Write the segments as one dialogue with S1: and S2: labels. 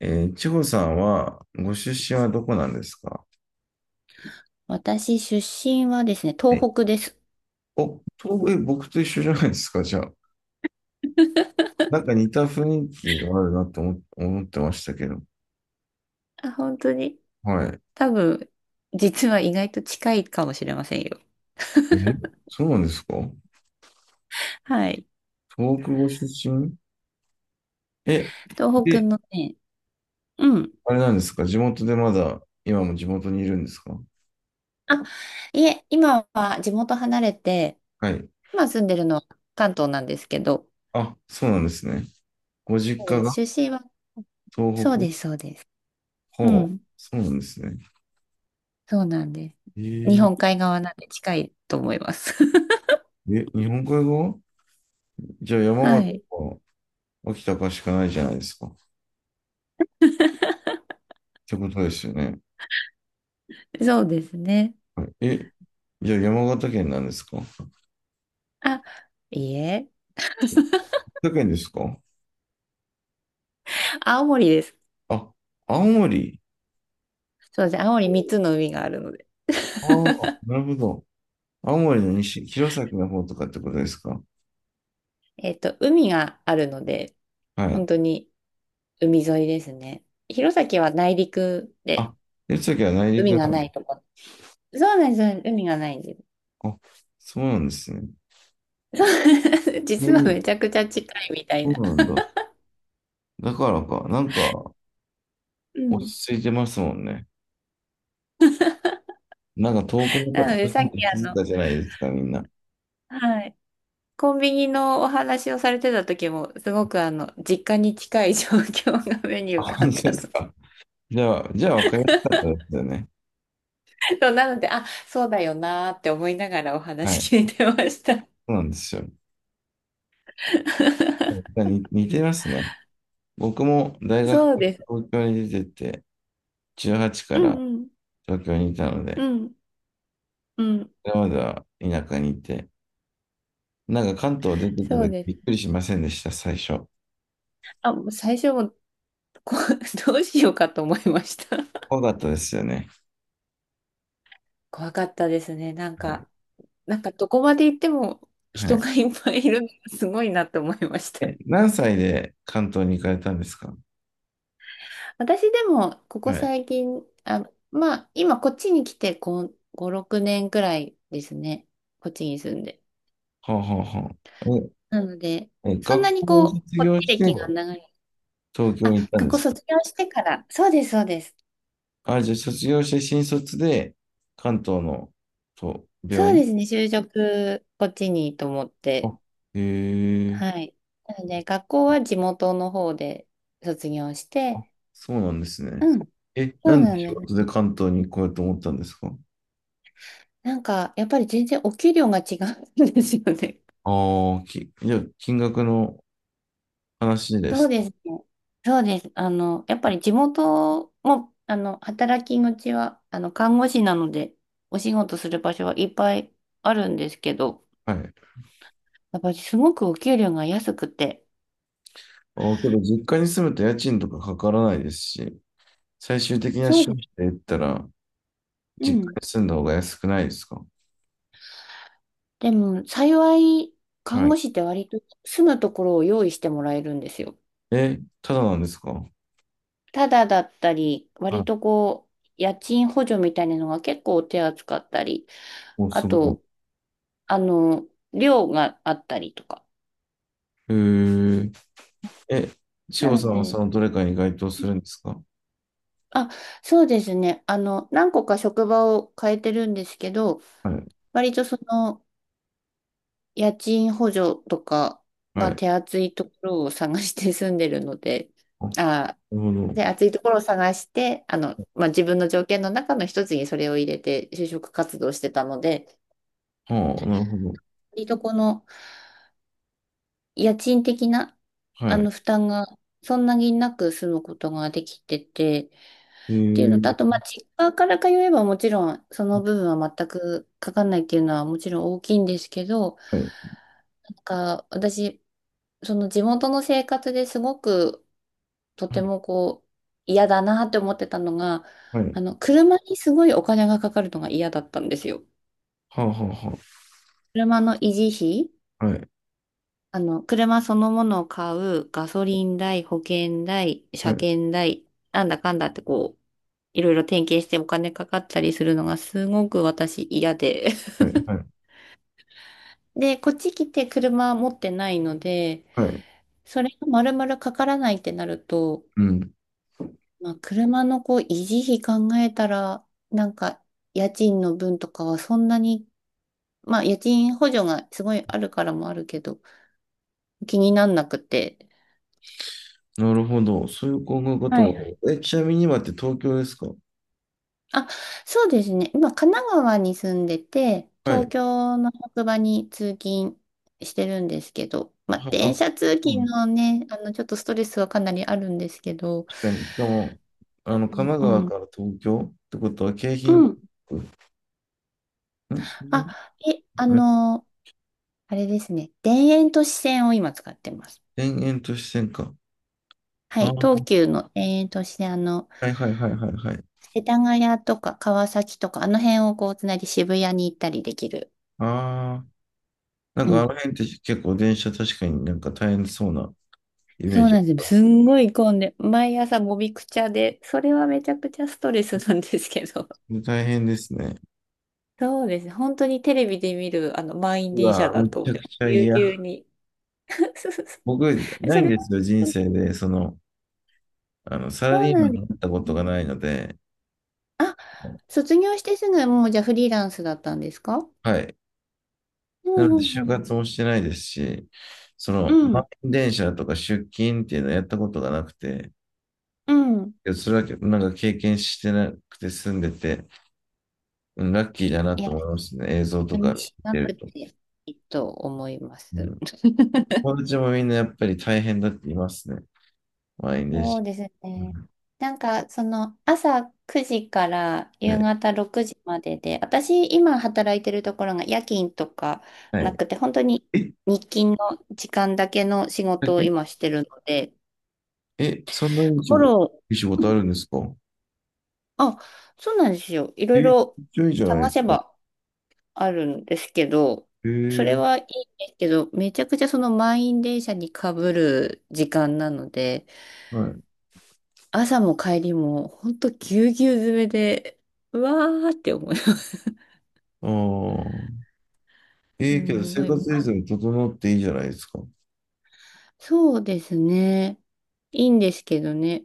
S1: 千穂さんは、ご出身はどこなんですか？
S2: 私、出身はですね、
S1: はい。
S2: 東北です。
S1: お、僕と一緒じゃないですか、じゃあ。なんか似た雰囲気があるなと思ってましたけど。
S2: あ、本当に。
S1: はい。
S2: 多分、実は意外と近いかもしれませんよ。
S1: え、そうなんですか？
S2: はい。
S1: 東北ご出身？え、
S2: 東北
S1: で、
S2: のね、うん。
S1: あれなんですか、地元でまだ、今も地元にいるんですか？
S2: あ、いえ、今は地元離れて、
S1: はい。
S2: 今住んでるのは関東なんですけど、
S1: あ、そうなんですね。ご
S2: そ
S1: 実
S2: う
S1: 家
S2: で
S1: が
S2: す、出身は、
S1: 東
S2: そう
S1: 北？
S2: です、そうです。う
S1: ほう、
S2: ん。
S1: そうなんですね。
S2: そうなんです。
S1: え
S2: 日
S1: ー、
S2: 本海側なんで近いと思います。
S1: え、日本海側？じゃあ山
S2: は
S1: 形
S2: い。
S1: か秋田かしかないじゃないですか。ってことですよね。
S2: そうですね。
S1: はい。え、じゃあ山形県なんですか？
S2: あ、いいえ、
S1: 山形県ですか？
S2: 青森です。
S1: あ、青森。
S2: そうです。青森3つの海があるので、
S1: ああ、なるほど。青森の西、弘前の方とかってことですか？
S2: 海があるので、
S1: は
S2: 本
S1: い。
S2: 当に海沿いですね。弘前は内陸
S1: あ、
S2: で
S1: 弘前は内陸
S2: 海
S1: な
S2: が
S1: の。
S2: ないとこ。そうなんです、海がないんです。
S1: あ、そうなんですね。
S2: そう
S1: え
S2: 実は
S1: ー、
S2: めちゃくちゃ近いみたい
S1: そう
S2: な。
S1: なんだ。だからか、なんか
S2: う
S1: 落
S2: ん。
S1: ち着いてますもんね。なんか遠くの方
S2: なので、さっ
S1: に
S2: き
S1: 気づいたじゃないですか、みんな。
S2: はい。コンビニのお話をされてた時も、すごく実家に近い状況が目に浮か
S1: 本
S2: ん
S1: 当で
S2: だの
S1: す
S2: で。
S1: か？じゃあ、じゃあ分かりやすかったですよね。
S2: そうなので、あ、そうだよなーって思いながらお
S1: はい。
S2: 話聞いてました。
S1: そうなんですよ。似てますね。僕も大学か
S2: そう
S1: ら
S2: です。
S1: 東京に出てて、18か
S2: うん
S1: ら
S2: うん。
S1: 東京にいたの
S2: う
S1: で、
S2: ん。うん。
S1: それまでは田舎にいて、なんか関東出てた
S2: そう
S1: 時
S2: で
S1: びっく
S2: す。
S1: りしませんでした、最初？
S2: あ、もう最初もこ、どうしようかと思いました。
S1: 怖 かったですよね。
S2: 怖かったですね。なん
S1: はい。
S2: か、なんかどこまで行っても
S1: は
S2: 人
S1: い。
S2: がいっぱいいるのがすごいなと思いました。
S1: え、何歳で関東に行かれたんですか？
S2: 私でも、ここ
S1: はい。
S2: 最近、あ、まあ、今こっちに来て5、5、6年くらいですね。こっちに住んで。
S1: ほうほうほう。
S2: なので、
S1: え、え、
S2: そんな
S1: 学
S2: に
S1: 校を
S2: こう、
S1: 卒
S2: こっ
S1: 業
S2: ち
S1: して
S2: 歴が長い。
S1: 東京
S2: あ、
S1: に行ったんで
S2: 学校
S1: すか？
S2: 卒業してから。そうです、そうです。
S1: あ、じゃあ卒業して新卒で関東の、と病
S2: そう
S1: 院。
S2: ですね、就職、こっちにと思っ
S1: あ、
S2: て。
S1: へえ。
S2: はい。なので、学校は地元の方で卒業し
S1: あ、
S2: て、
S1: そうなんですね。
S2: うん、
S1: え、
S2: そ
S1: な
S2: う
S1: ん
S2: な
S1: で
S2: ん
S1: 仕
S2: です。
S1: 事で関東に行こうと思ったんですか？
S2: なんか、やっぱり全然お給料が違うんですよね。
S1: ああ、じゃあ、金額の話で
S2: そう
S1: す
S2: ですね。そうです。やっぱり地元も、働き口は、看護師なので、お仕事する場所はいっぱいあるんですけど、
S1: か。はい。
S2: やっぱりすごくお給料が安くて。
S1: ああ、けど、実家に住むと家賃とかかからないですし、最終的な
S2: そう
S1: 収
S2: で
S1: 支
S2: す。
S1: で言ったら、
S2: う
S1: 実
S2: ん。
S1: 家に住んだ方が安くないですか？
S2: でも、幸い、
S1: は
S2: 看護
S1: い。
S2: 師って割と住むところを用意してもらえるんですよ。
S1: え、ただなんですか？
S2: ただだったり、
S1: はい。
S2: 割とこう、家賃補助みたいなのが結構手厚かったり、
S1: お、
S2: あ
S1: すごい。
S2: と、あの、寮があったりとか。
S1: へえ、え、千
S2: な
S1: 穂
S2: の
S1: さんはそ
S2: で、
S1: のどれかに該当するんですか？
S2: あ、そうですね。何個か職場を変えてるんですけど、
S1: はい。
S2: 割とその、家賃補助とか
S1: は
S2: が
S1: い。
S2: 手厚いところを探して住んでるので、
S1: あ、な
S2: あ、
S1: るほど。
S2: で、厚いところを探して、まあ、自分の条件の中の一つにそれを入れて就職活動してたので、
S1: はあ、なるほど。
S2: 割とこの、家賃的な、
S1: はい。
S2: 負担がそんなになく済むことができてて、
S1: へ
S2: っていう
S1: え、
S2: のと、あと、まあ、実家から通えばもちろん、その部分は全くかかんないっていうのはもちろん大きいんですけど、
S1: はい。
S2: なんか、私、その地元の生活ですごく、とてもこう、嫌だなって思ってたのが、
S1: はい。
S2: 車にすごいお金がかかるのが嫌だったんですよ。
S1: はあ、はあ、は
S2: 車の維持費、
S1: あ。はい。
S2: 車そのものを買う、ガソリン代、保険代、
S1: は
S2: 車
S1: い。
S2: 検代、なんだかんだってこう、いろいろ点検してお金かかったりするのがすごく私嫌で。
S1: は い。はい。
S2: で、こっち来て車持ってないので、
S1: はい。
S2: それが丸々かからないってなると、
S1: うん。
S2: まあ、車のこう、維持費考えたら、なんか、家賃の分とかはそんなに、まあ、家賃補助がすごいあるからもあるけど、気になんなくて、
S1: なるほど。そういう考え方
S2: はい
S1: は。
S2: はい。
S1: え、ちなみに今って東京ですか？
S2: あ、そうですね。今、神奈川に住んでて、
S1: はい。
S2: 東
S1: は
S2: 京の職場に通勤してるんですけど、まあ、電
S1: あ、
S2: 車通
S1: う
S2: 勤
S1: ん、
S2: のね、ちょっとストレスはかなりあるんですけど、
S1: 確かに。しかも、あの、神奈
S2: う
S1: 川か
S2: ん、
S1: ら東京ってことは、京
S2: う
S1: 浜。
S2: ん。
S1: んん。
S2: あ、え、あの、あれですね。田園都市線を今使ってます。
S1: 田園都市線か。
S2: は
S1: ああ、
S2: い、
S1: は
S2: 東急の田園都市線、
S1: いはいはいはいはい。
S2: 世田谷とか川崎とか、あの辺をこう、つないで渋谷に行ったりできる。
S1: ああ、なん
S2: う
S1: かあ
S2: ん、
S1: の辺って結構電車確かになんか大変そうなイメ
S2: そ
S1: ー
S2: う
S1: ジあ
S2: なん
S1: り
S2: で
S1: ま
S2: すよ。す
S1: す。
S2: んごい混んで、毎朝もみくちゃで、それはめちゃくちゃストレスなんですけど。
S1: 大変ですね。
S2: そうですね。本当にテレビで見る、満員
S1: う
S2: 電車
S1: わ、
S2: だ
S1: めち
S2: と、
S1: ゃくちゃ
S2: ぎゅうぎゅう
S1: 嫌。
S2: に。そうそうそ
S1: 僕、
S2: う。
S1: な
S2: そ
S1: いん
S2: れ
S1: で
S2: は、
S1: すよ、人生で、その、あの、サラ
S2: そう
S1: リーマ
S2: な
S1: ン
S2: んで
S1: になったこ
S2: す
S1: と
S2: ね。
S1: がないので、
S2: あ、卒業してすぐ、もうじゃあフリーランスだったんですか？
S1: はい。
S2: う
S1: な
S2: ん
S1: の
S2: う
S1: で、
S2: ん
S1: 就
S2: う
S1: 活
S2: ん。
S1: もしてないですし、その、満員電車とか出勤っていうのをやったことがなくて、
S2: うん、うん。
S1: いや、それはなんか経験してなくて住んでて、うん、ラッキーだな
S2: い
S1: と
S2: や、
S1: 思いますね、映像とか
S2: 楽
S1: 見
S2: しな
S1: てる
S2: く
S1: と。
S2: ていいと思いま
S1: う
S2: す。
S1: ん、友達もみんなやっぱり大変だって言いますね、満員電
S2: そ
S1: 車。
S2: うです
S1: う
S2: ね。
S1: ん。
S2: なんか、その、朝9時から夕
S1: ね、
S2: 方6時までで、私、今働いてるところが夜勤とか
S1: は
S2: な
S1: い。
S2: くて、本当に
S1: え、
S2: 日勤の時間だけの仕
S1: だ
S2: 事を
S1: け、
S2: 今してるので、
S1: え、そんなにい
S2: フ
S1: い仕
S2: ォ
S1: 事、
S2: ロ
S1: いい仕
S2: ー、う
S1: 事あ
S2: ん、
S1: るんですか？
S2: あ、そうなんですよ。いろ
S1: え、
S2: い
S1: めっ
S2: ろ
S1: ちゃいいじゃない
S2: 探
S1: で
S2: せ
S1: すか。
S2: ばあるんですけど、それ
S1: え
S2: は
S1: え。
S2: いいんですけど、めちゃくちゃその満員電車にかぶる時間なので、
S1: はい。
S2: 朝も帰りも、ほんとぎゅうぎゅう詰めで、うわーって思います。
S1: ああ、
S2: す
S1: え、けど
S2: ん
S1: 生
S2: ごい。
S1: 活水準整っていいじゃないですか。
S2: そうですね。いいんですけどね。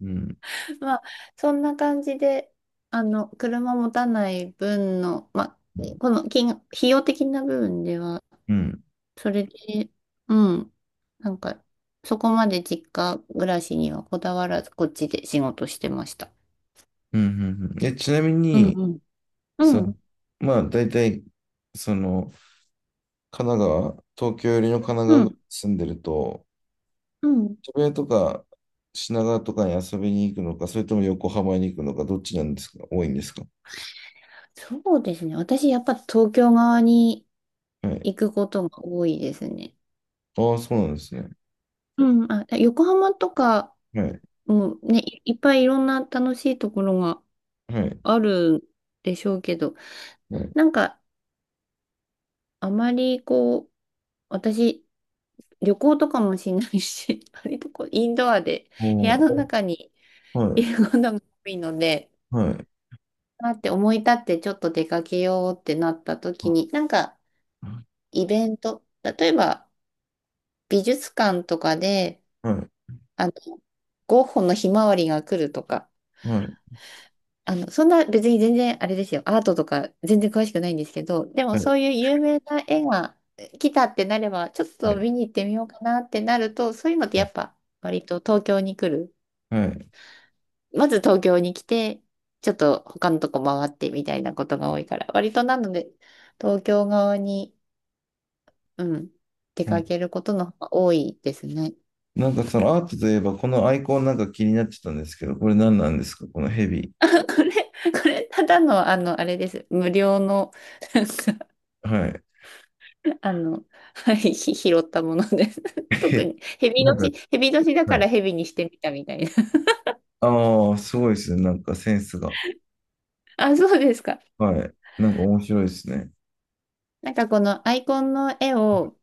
S1: うん
S2: まあ、そんな感じで、車持たない分の、まあ、この金、費用的な部分では、
S1: うん
S2: それで、うん、なんか、そこまで実家暮らしにはこだわらず、こっちで仕事してました。
S1: うん。うん、え、ちなみ
S2: うん
S1: に
S2: うん。
S1: そ
S2: う
S1: の、
S2: ん、
S1: まあだいたいその、神奈川、東京よりの神奈
S2: う
S1: 川
S2: ん、
S1: 住んでると、
S2: うん。
S1: 千葉とか品川とかに遊びに行くのか、それとも横浜に行くのか、どっちなんですか、多いんですか？
S2: そうですね。私、やっぱ東京側に
S1: はい。
S2: 行くことが多いですね。
S1: ああ、そうなんですね。
S2: うん、あ、横浜とか
S1: はい
S2: もね、いいっぱいいろんな楽しいところが
S1: はい
S2: あるでしょうけど、
S1: はい。
S2: なんかあまりこう、私、旅行とかもしないし、割とこう、インドアで部屋の
S1: お。
S2: 中に
S1: は
S2: い
S1: い
S2: ることが多いので、
S1: はい
S2: あって思い立ってちょっと出かけようってなった
S1: は
S2: 時
S1: い
S2: に、なんかイベント、例えば美術館とかで、
S1: はい
S2: あの、ゴッホのひまわりが来るとか、
S1: はいはい
S2: そんな別に全然あれですよ。アートとか全然詳しくないんですけど、でもそういう有名な絵が来たってなれば、ちょっと見に行ってみようかなってなると、そういうのってやっぱ割と東京に来る。
S1: はいはい。
S2: まず東京に来て、ちょっと他のとこ回ってみたいなことが多いから、割となので東京側に、うん、出かけることの方が多いですね。
S1: なんかそのアートといえば、このアイコンなんか気になってたんですけど、これ何なんですか、このヘビ。
S2: これ、これただのあれです。無料の
S1: はい。
S2: あの、はい、拾ったものです。特 に、蛇
S1: なんか、
S2: 年、蛇年だか
S1: はい。
S2: ら蛇にしてみたみたいな。
S1: ああ、すごいですね。なんかセンスが。
S2: あ、そうですか。
S1: はい。なんか面白いですね。
S2: なんかこのアイコンの絵を、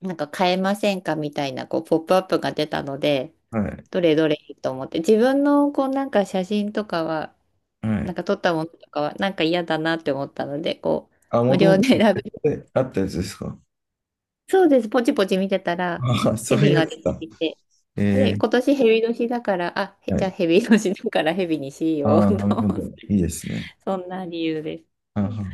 S2: なんか変えませんかみたいな、こう、ポップアップが出たので、
S1: はい。
S2: どれどれと思って、自分のこう、なんか写真とかは、
S1: は
S2: なん
S1: い。
S2: か撮ったものとかは、なんか嫌だなって思ったので、こう、
S1: あ、
S2: 無
S1: もと
S2: 料
S1: もと
S2: で選べ、
S1: あったやつですか？
S2: そうです、ポチポチ見てたら、
S1: ああ、そ
S2: ヘ
S1: うい
S2: ビ
S1: うや
S2: が
S1: つ
S2: 出て
S1: か。
S2: きて、で、
S1: え
S2: 今
S1: え。
S2: 年ヘビ年だから、あ、
S1: は
S2: じゃあ
S1: い。
S2: ヘビ年だからヘビにしよう
S1: あ
S2: と。
S1: あ、なるほど。いいですね。
S2: そんな理由で
S1: あは
S2: す。
S1: は